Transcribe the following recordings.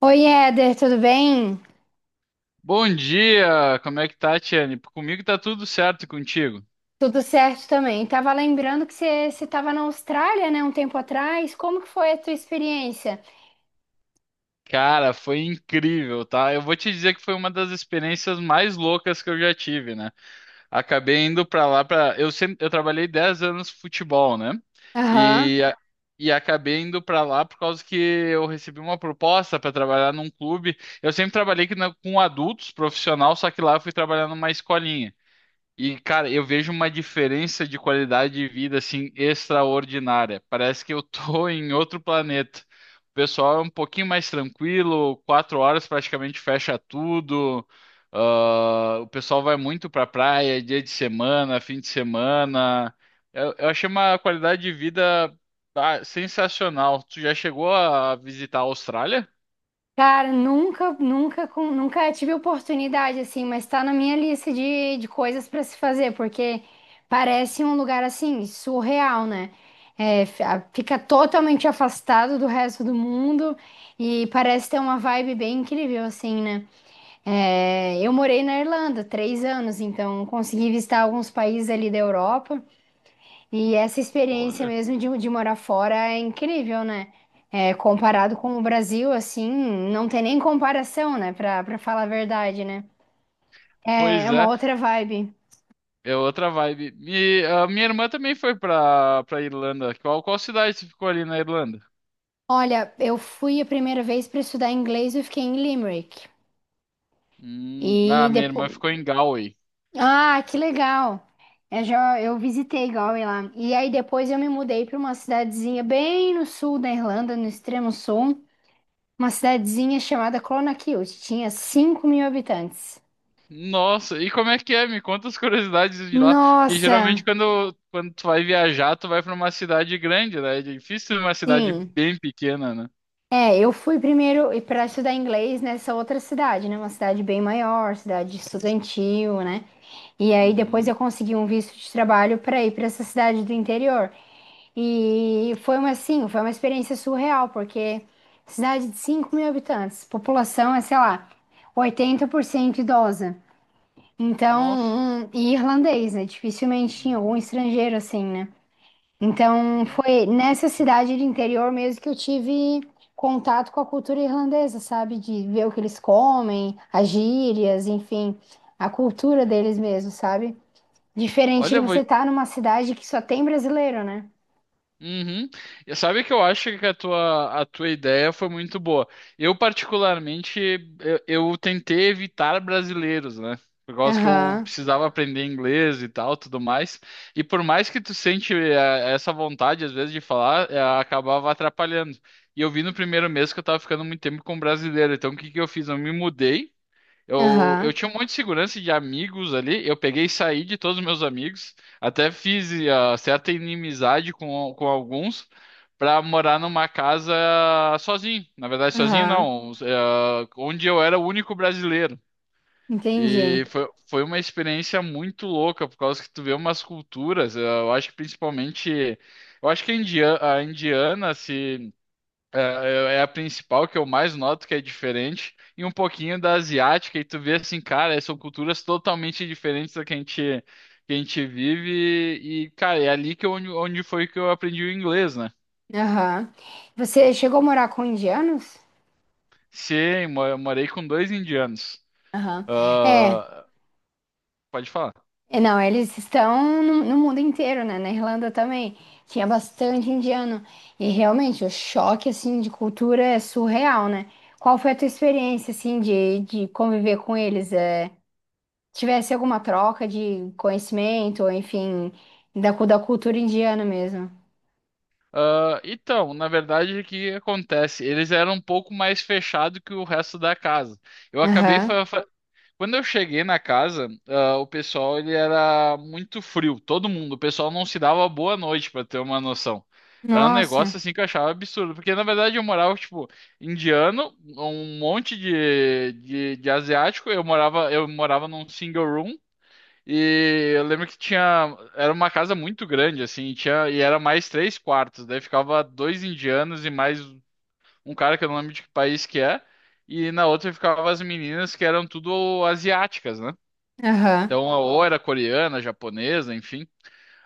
Oi, Éder, tudo bem? Bom dia, como é que tá, Tiane? Comigo tá tudo certo e contigo? Tudo certo também. Tava lembrando que você estava na Austrália, né, um tempo atrás. Como que foi a tua experiência? Cara, foi incrível, tá? Eu vou te dizer que foi uma das experiências mais loucas que eu já tive, né? Acabei indo pra lá pra. Eu sempre, eu trabalhei 10 anos futebol, né? Aham. E a- e acabei indo pra lá por causa que eu recebi uma proposta pra trabalhar num clube. Eu sempre trabalhei com adultos, profissional, só que lá eu fui trabalhar numa escolinha. E, cara, eu vejo uma diferença de qualidade de vida, assim, extraordinária. Parece que eu tô em outro planeta. O pessoal é um pouquinho mais tranquilo, 4 horas praticamente fecha tudo. Ah, o pessoal vai muito pra praia, dia de semana, fim de semana. Eu achei uma qualidade de vida, ah, sensacional. Tu já chegou a visitar a Austrália? Cara, nunca, nunca tive oportunidade assim, mas tá na minha lista de coisas para se fazer, porque parece um lugar assim surreal, né? É, fica totalmente afastado do resto do mundo e parece ter uma vibe bem incrível assim, né? É, eu morei na Irlanda 3 anos, então consegui visitar alguns países ali da Europa. E essa experiência Olha. mesmo de morar fora é incrível, né? É, comparado com o Brasil, assim, não tem nem comparação, né? Pra falar a verdade, né? É, é Pois uma é. outra vibe. É outra vibe. E a minha irmã também foi pra Irlanda. Qual cidade você ficou ali na Irlanda? Olha, eu fui a primeira vez para estudar inglês, eu fiquei em Limerick. E Ah, minha irmã depois, ficou em Galway. ah, que legal. Eu já eu visitei Galway lá. E aí depois eu me mudei para uma cidadezinha bem no sul da Irlanda, no extremo sul, uma cidadezinha chamada Clonakilty. Tinha 5.000 habitantes. Nossa, e como é que é? Me conta as curiosidades de lá. Porque Nossa, geralmente quando tu vai viajar, tu vai pra uma cidade grande, né? É difícil uma cidade sim. bem pequena, né? É, eu fui primeiro para estudar inglês nessa outra cidade, né? Uma cidade bem maior, cidade estudantil, né? E aí depois Uhum. eu consegui um visto de trabalho para ir para essa cidade do interior. E foi uma, assim, foi uma experiência surreal, porque cidade de 5.000 habitantes, população é, sei lá, 80% idosa. Nossa. Então, e irlandês, né? Dificilmente tinha Uhum. algum estrangeiro assim, né? Então, Nossa. foi nessa cidade de interior mesmo que eu tive contato com a cultura irlandesa, sabe? De ver o que eles comem, as gírias, enfim, a cultura deles mesmo, sabe? Diferente de Olha, vou, você estar numa cidade que só tem brasileiro, né? uhum. E sabe que eu acho que a tua ideia foi muito boa. Eu, particularmente, eu, eu tentei evitar brasileiros, né? Por causa que eu Aham. precisava aprender inglês e tal, tudo mais. E por mais que tu sente essa vontade, às vezes, de falar, acabava atrapalhando. E eu vi no primeiro mês que eu tava ficando muito tempo com brasileiro. Então, o que que eu fiz? Eu me mudei. Eu Aham, tinha um monte de segurança de amigos ali. Eu peguei e saí de todos os meus amigos. Até fiz certa inimizade com alguns para morar numa casa sozinho. Na verdade, sozinho aham, não. Onde eu era o único brasileiro. entendi. E foi uma experiência muito louca, por causa que tu vê umas culturas. Eu acho que principalmente. Eu acho que a indiana se. É a principal que eu mais noto que é diferente, e um pouquinho da asiática, e tu vê assim, cara, são culturas totalmente diferentes da que a gente vive, e, cara, é ali que eu, onde foi que eu aprendi o inglês, né? Aham. Você chegou a morar com indianos? Sim, eu morei com dois indianos. Aham. É, Ah, pode falar. é, não, eles estão no mundo inteiro, né? Na Irlanda também. Tinha bastante indiano. E realmente, o choque, assim, de cultura é surreal, né? Qual foi a tua experiência, assim, de conviver com eles? É, tivesse alguma troca de conhecimento, enfim, da cultura indiana mesmo? Ah, então, na verdade, o que acontece? Eles eram um pouco mais fechados que o resto da casa. Eu acabei Aham. Quando eu cheguei na casa, o pessoal ele era muito frio, todo mundo. O pessoal não se dava boa noite, pra ter uma noção. Era um Nossa, negócio assim que eu achava absurdo, porque na verdade eu morava tipo indiano, um monte de asiático. Eu morava num single room e eu lembro que tinha era uma casa muito grande assim, e era mais três quartos. Daí ficava dois indianos e mais um cara que eu não lembro de que país que é, e na outra ficavam as meninas que eram tudo asiáticas, né? aham. Então, ou era coreana, japonesa, enfim.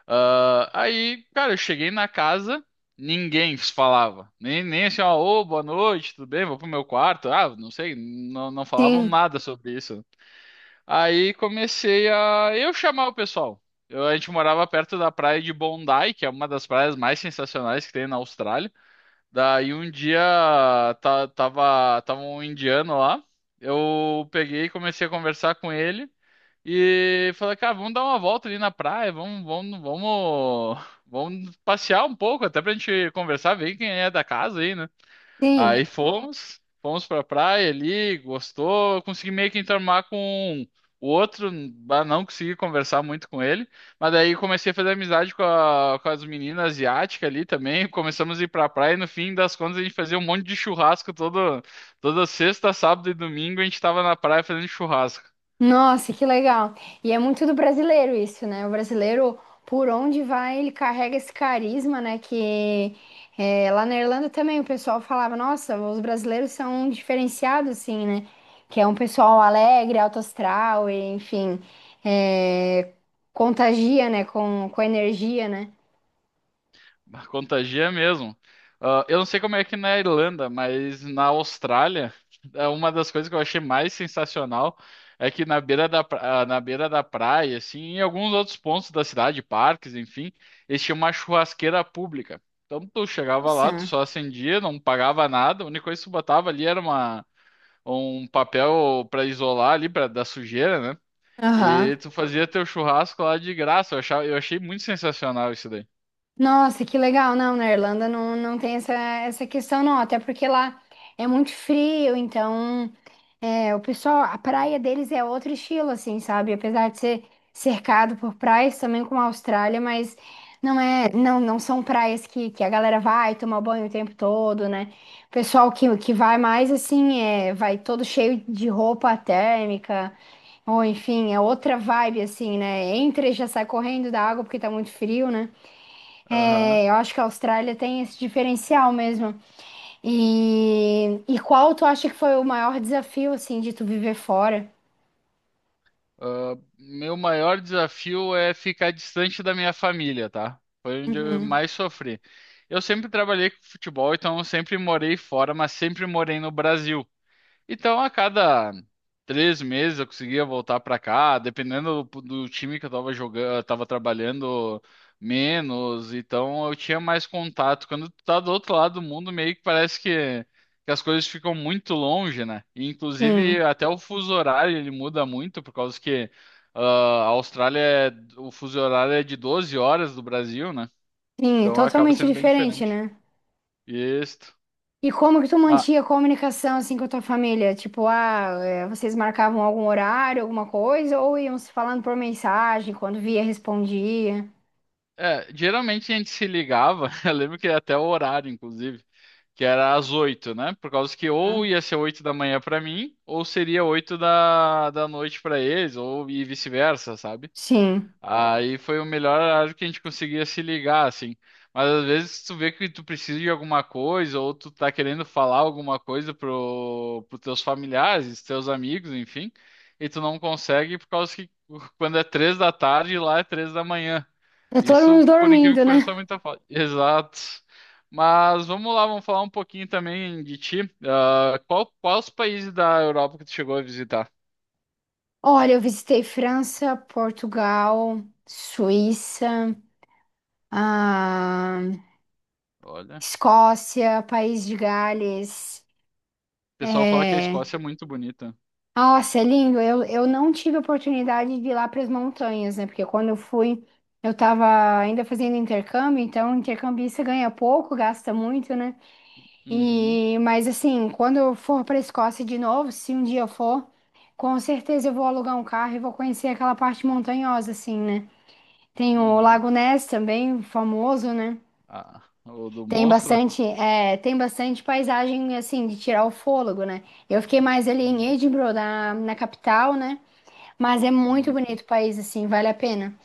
Ah, aí, cara, eu cheguei na casa, ninguém falava. Nem assim, ó, ô, boa noite, tudo bem? Vou pro meu quarto. Ah, não sei, não falavam Sim, nada sobre isso. Aí comecei a eu chamar o pessoal. Eu, a gente morava perto da praia de Bondi, que é uma das praias mais sensacionais que tem na Austrália. Daí um dia tava um indiano lá, eu peguei e comecei a conversar com ele e falei, cara, vamos dar uma volta ali na praia, vamos, vamos, vamos, vamos passear um pouco, até pra gente conversar, ver quem é da casa aí, né? sim. Aí fomos pra praia ali, gostou. Eu consegui meio que enturmar com o outro, bah, não consegui conversar muito com ele. Mas daí comecei a fazer amizade com as meninas asiáticas ali também. Começamos a ir pra praia e no fim das contas a gente fazia um monte de churrasco toda sexta, sábado e domingo a gente tava na praia fazendo churrasco. Nossa, que legal. E é muito do brasileiro isso, né? O brasileiro, por onde vai, ele carrega esse carisma, né? Que é, lá na Irlanda também o pessoal falava, nossa, os brasileiros são diferenciados, assim, né? Que é um pessoal alegre, alto astral, e, enfim, é, contagia, né? Com energia, né? Bah, contagia mesmo. Ah, eu não sei como é que na Irlanda, mas na Austrália, é uma das coisas que eu achei mais sensacional é que na beira na beira da praia, assim, em alguns outros pontos da cidade, parques, enfim, eles tinham uma churrasqueira pública. Então tu chegava lá, tu Nossa. só acendia, não pagava nada, a única coisa que tu botava ali era uma, um papel para isolar ali pra, da sujeira, né? Aham. E tu fazia teu churrasco lá de graça. Eu achei muito sensacional isso daí. Nossa, que legal. Não, na Irlanda não, não tem essa, essa questão, não. Até porque lá é muito frio, então é, o pessoal, a praia deles é outro estilo, assim, sabe? Apesar de ser cercado por praias, também como a Austrália, mas não é, não, não são praias que a galera vai tomar banho o tempo todo, né? O pessoal que vai mais assim, é, vai todo cheio de roupa térmica. Ou enfim, é outra vibe assim, né? Entra e já sai correndo da água porque tá muito frio, né? É, eu acho que a Austrália tem esse diferencial mesmo. E qual tu acha que foi o maior desafio, assim, de tu viver fora? Ah, meu maior desafio é ficar distante da minha família, tá? Foi onde eu Uhum. mais sofri. Eu sempre trabalhei com futebol, então eu sempre morei fora, mas sempre morei no Brasil. Então, a cada 3 meses eu conseguia voltar pra cá, dependendo do time que eu tava jogando, eu tava trabalhando menos, então eu tinha mais contato. Quando tu tá do outro lado do mundo, meio que parece que as coisas ficam muito longe, né? E, inclusive, Sim, até o fuso horário ele muda muito, por causa que ah, a Austrália, é- o fuso horário é de 12 horas do Brasil, né? sim, Então acaba totalmente sendo bem diferente, diferente. né? Isso. E como que tu mantinha a comunicação, assim, com a tua família? Tipo, ah, é, vocês marcavam algum horário, alguma coisa, ou iam se falando por mensagem, quando via, respondia? É, geralmente a gente se ligava, eu lembro que até o horário, inclusive, que era às 8, né? Por causa que ou Tá? ia ser 8 da manhã pra mim, ou seria oito da noite pra eles, ou e vice-versa, sabe? Sim. Aí foi o melhor horário que a gente conseguia se ligar, assim. Mas às vezes tu vê que tu precisa de alguma coisa, ou tu tá querendo falar alguma coisa pros teus familiares, teus amigos, enfim, e tu não consegue por causa que quando é 3 da tarde, lá é 3 da manhã. Tá todo Isso, mundo por incrível dormindo, que né? pareça, foi muita falta. Exato. Mas vamos lá, vamos falar um pouquinho também de ti. Ah, quais países da Europa que tu chegou a visitar? Olha, eu visitei França, Portugal, Suíça. A Olha, o Escócia, País de Gales. pessoal fala que a É... Escócia é muito bonita. Nossa, é lindo. Eu não tive a oportunidade de ir lá para as montanhas, né? Porque quando eu fui, eu estava ainda fazendo intercâmbio, então intercambista ganha pouco, gasta muito, né? Uhum, E, mas assim, quando eu for para a Escócia de novo, se um dia eu for, com certeza eu vou alugar um carro e vou conhecer aquela parte montanhosa, assim, né? Tem o uhum. Lago Ness também, famoso, né? Ah, o do Tem monstro? bastante, é, tem bastante paisagem assim de tirar o fôlego, né? Eu fiquei mais ali em Uhum, Edinburgh, na, na capital, né? Mas é muito uhum. bonito o país, assim, vale a pena.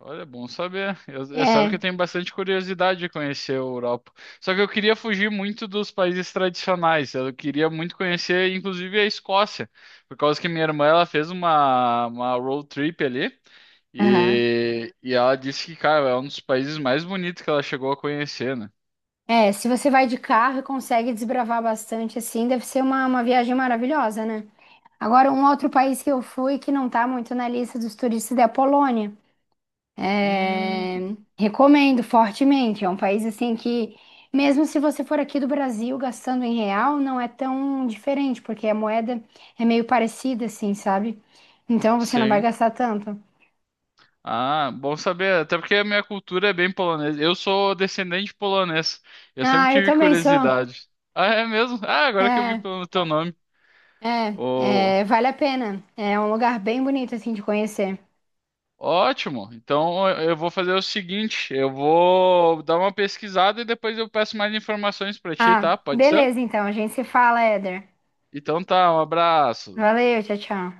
Olha, é bom saber. Eu sabe que eu É, tenho bastante curiosidade de conhecer a Europa. Só que eu queria fugir muito dos países tradicionais. Eu queria muito conhecer, inclusive, a Escócia, por causa que minha irmã ela fez uma road trip ali aham. E ela disse que, cara, é um dos países mais bonitos que ela chegou a conhecer, né? É, se você vai de carro e consegue desbravar bastante, assim, deve ser uma viagem maravilhosa, né? Agora, um outro país que eu fui que não tá muito na lista dos turistas é a Polônia. Hum, É, recomendo fortemente. É um país assim que, mesmo se você for aqui do Brasil gastando em real, não é tão diferente, porque a moeda é meio parecida, assim, sabe? Então você não vai sim. gastar tanto. Ah, bom saber. Até porque a minha cultura é bem polonesa. Eu sou descendente polonês. Eu sempre Ah, eu tive também sou. curiosidade. Ah, é mesmo? Ah, agora que eu vi É, pelo teu nome. Ô, é, é, vale a pena. É um lugar bem bonito, assim, de conhecer. ótimo. Então eu vou fazer o seguinte, eu vou dar uma pesquisada e depois eu peço mais informações para ti, Ah, tá? Pode ser? beleza, então. A gente se fala, Éder. Então tá, um abraço. Valeu, tchau, tchau.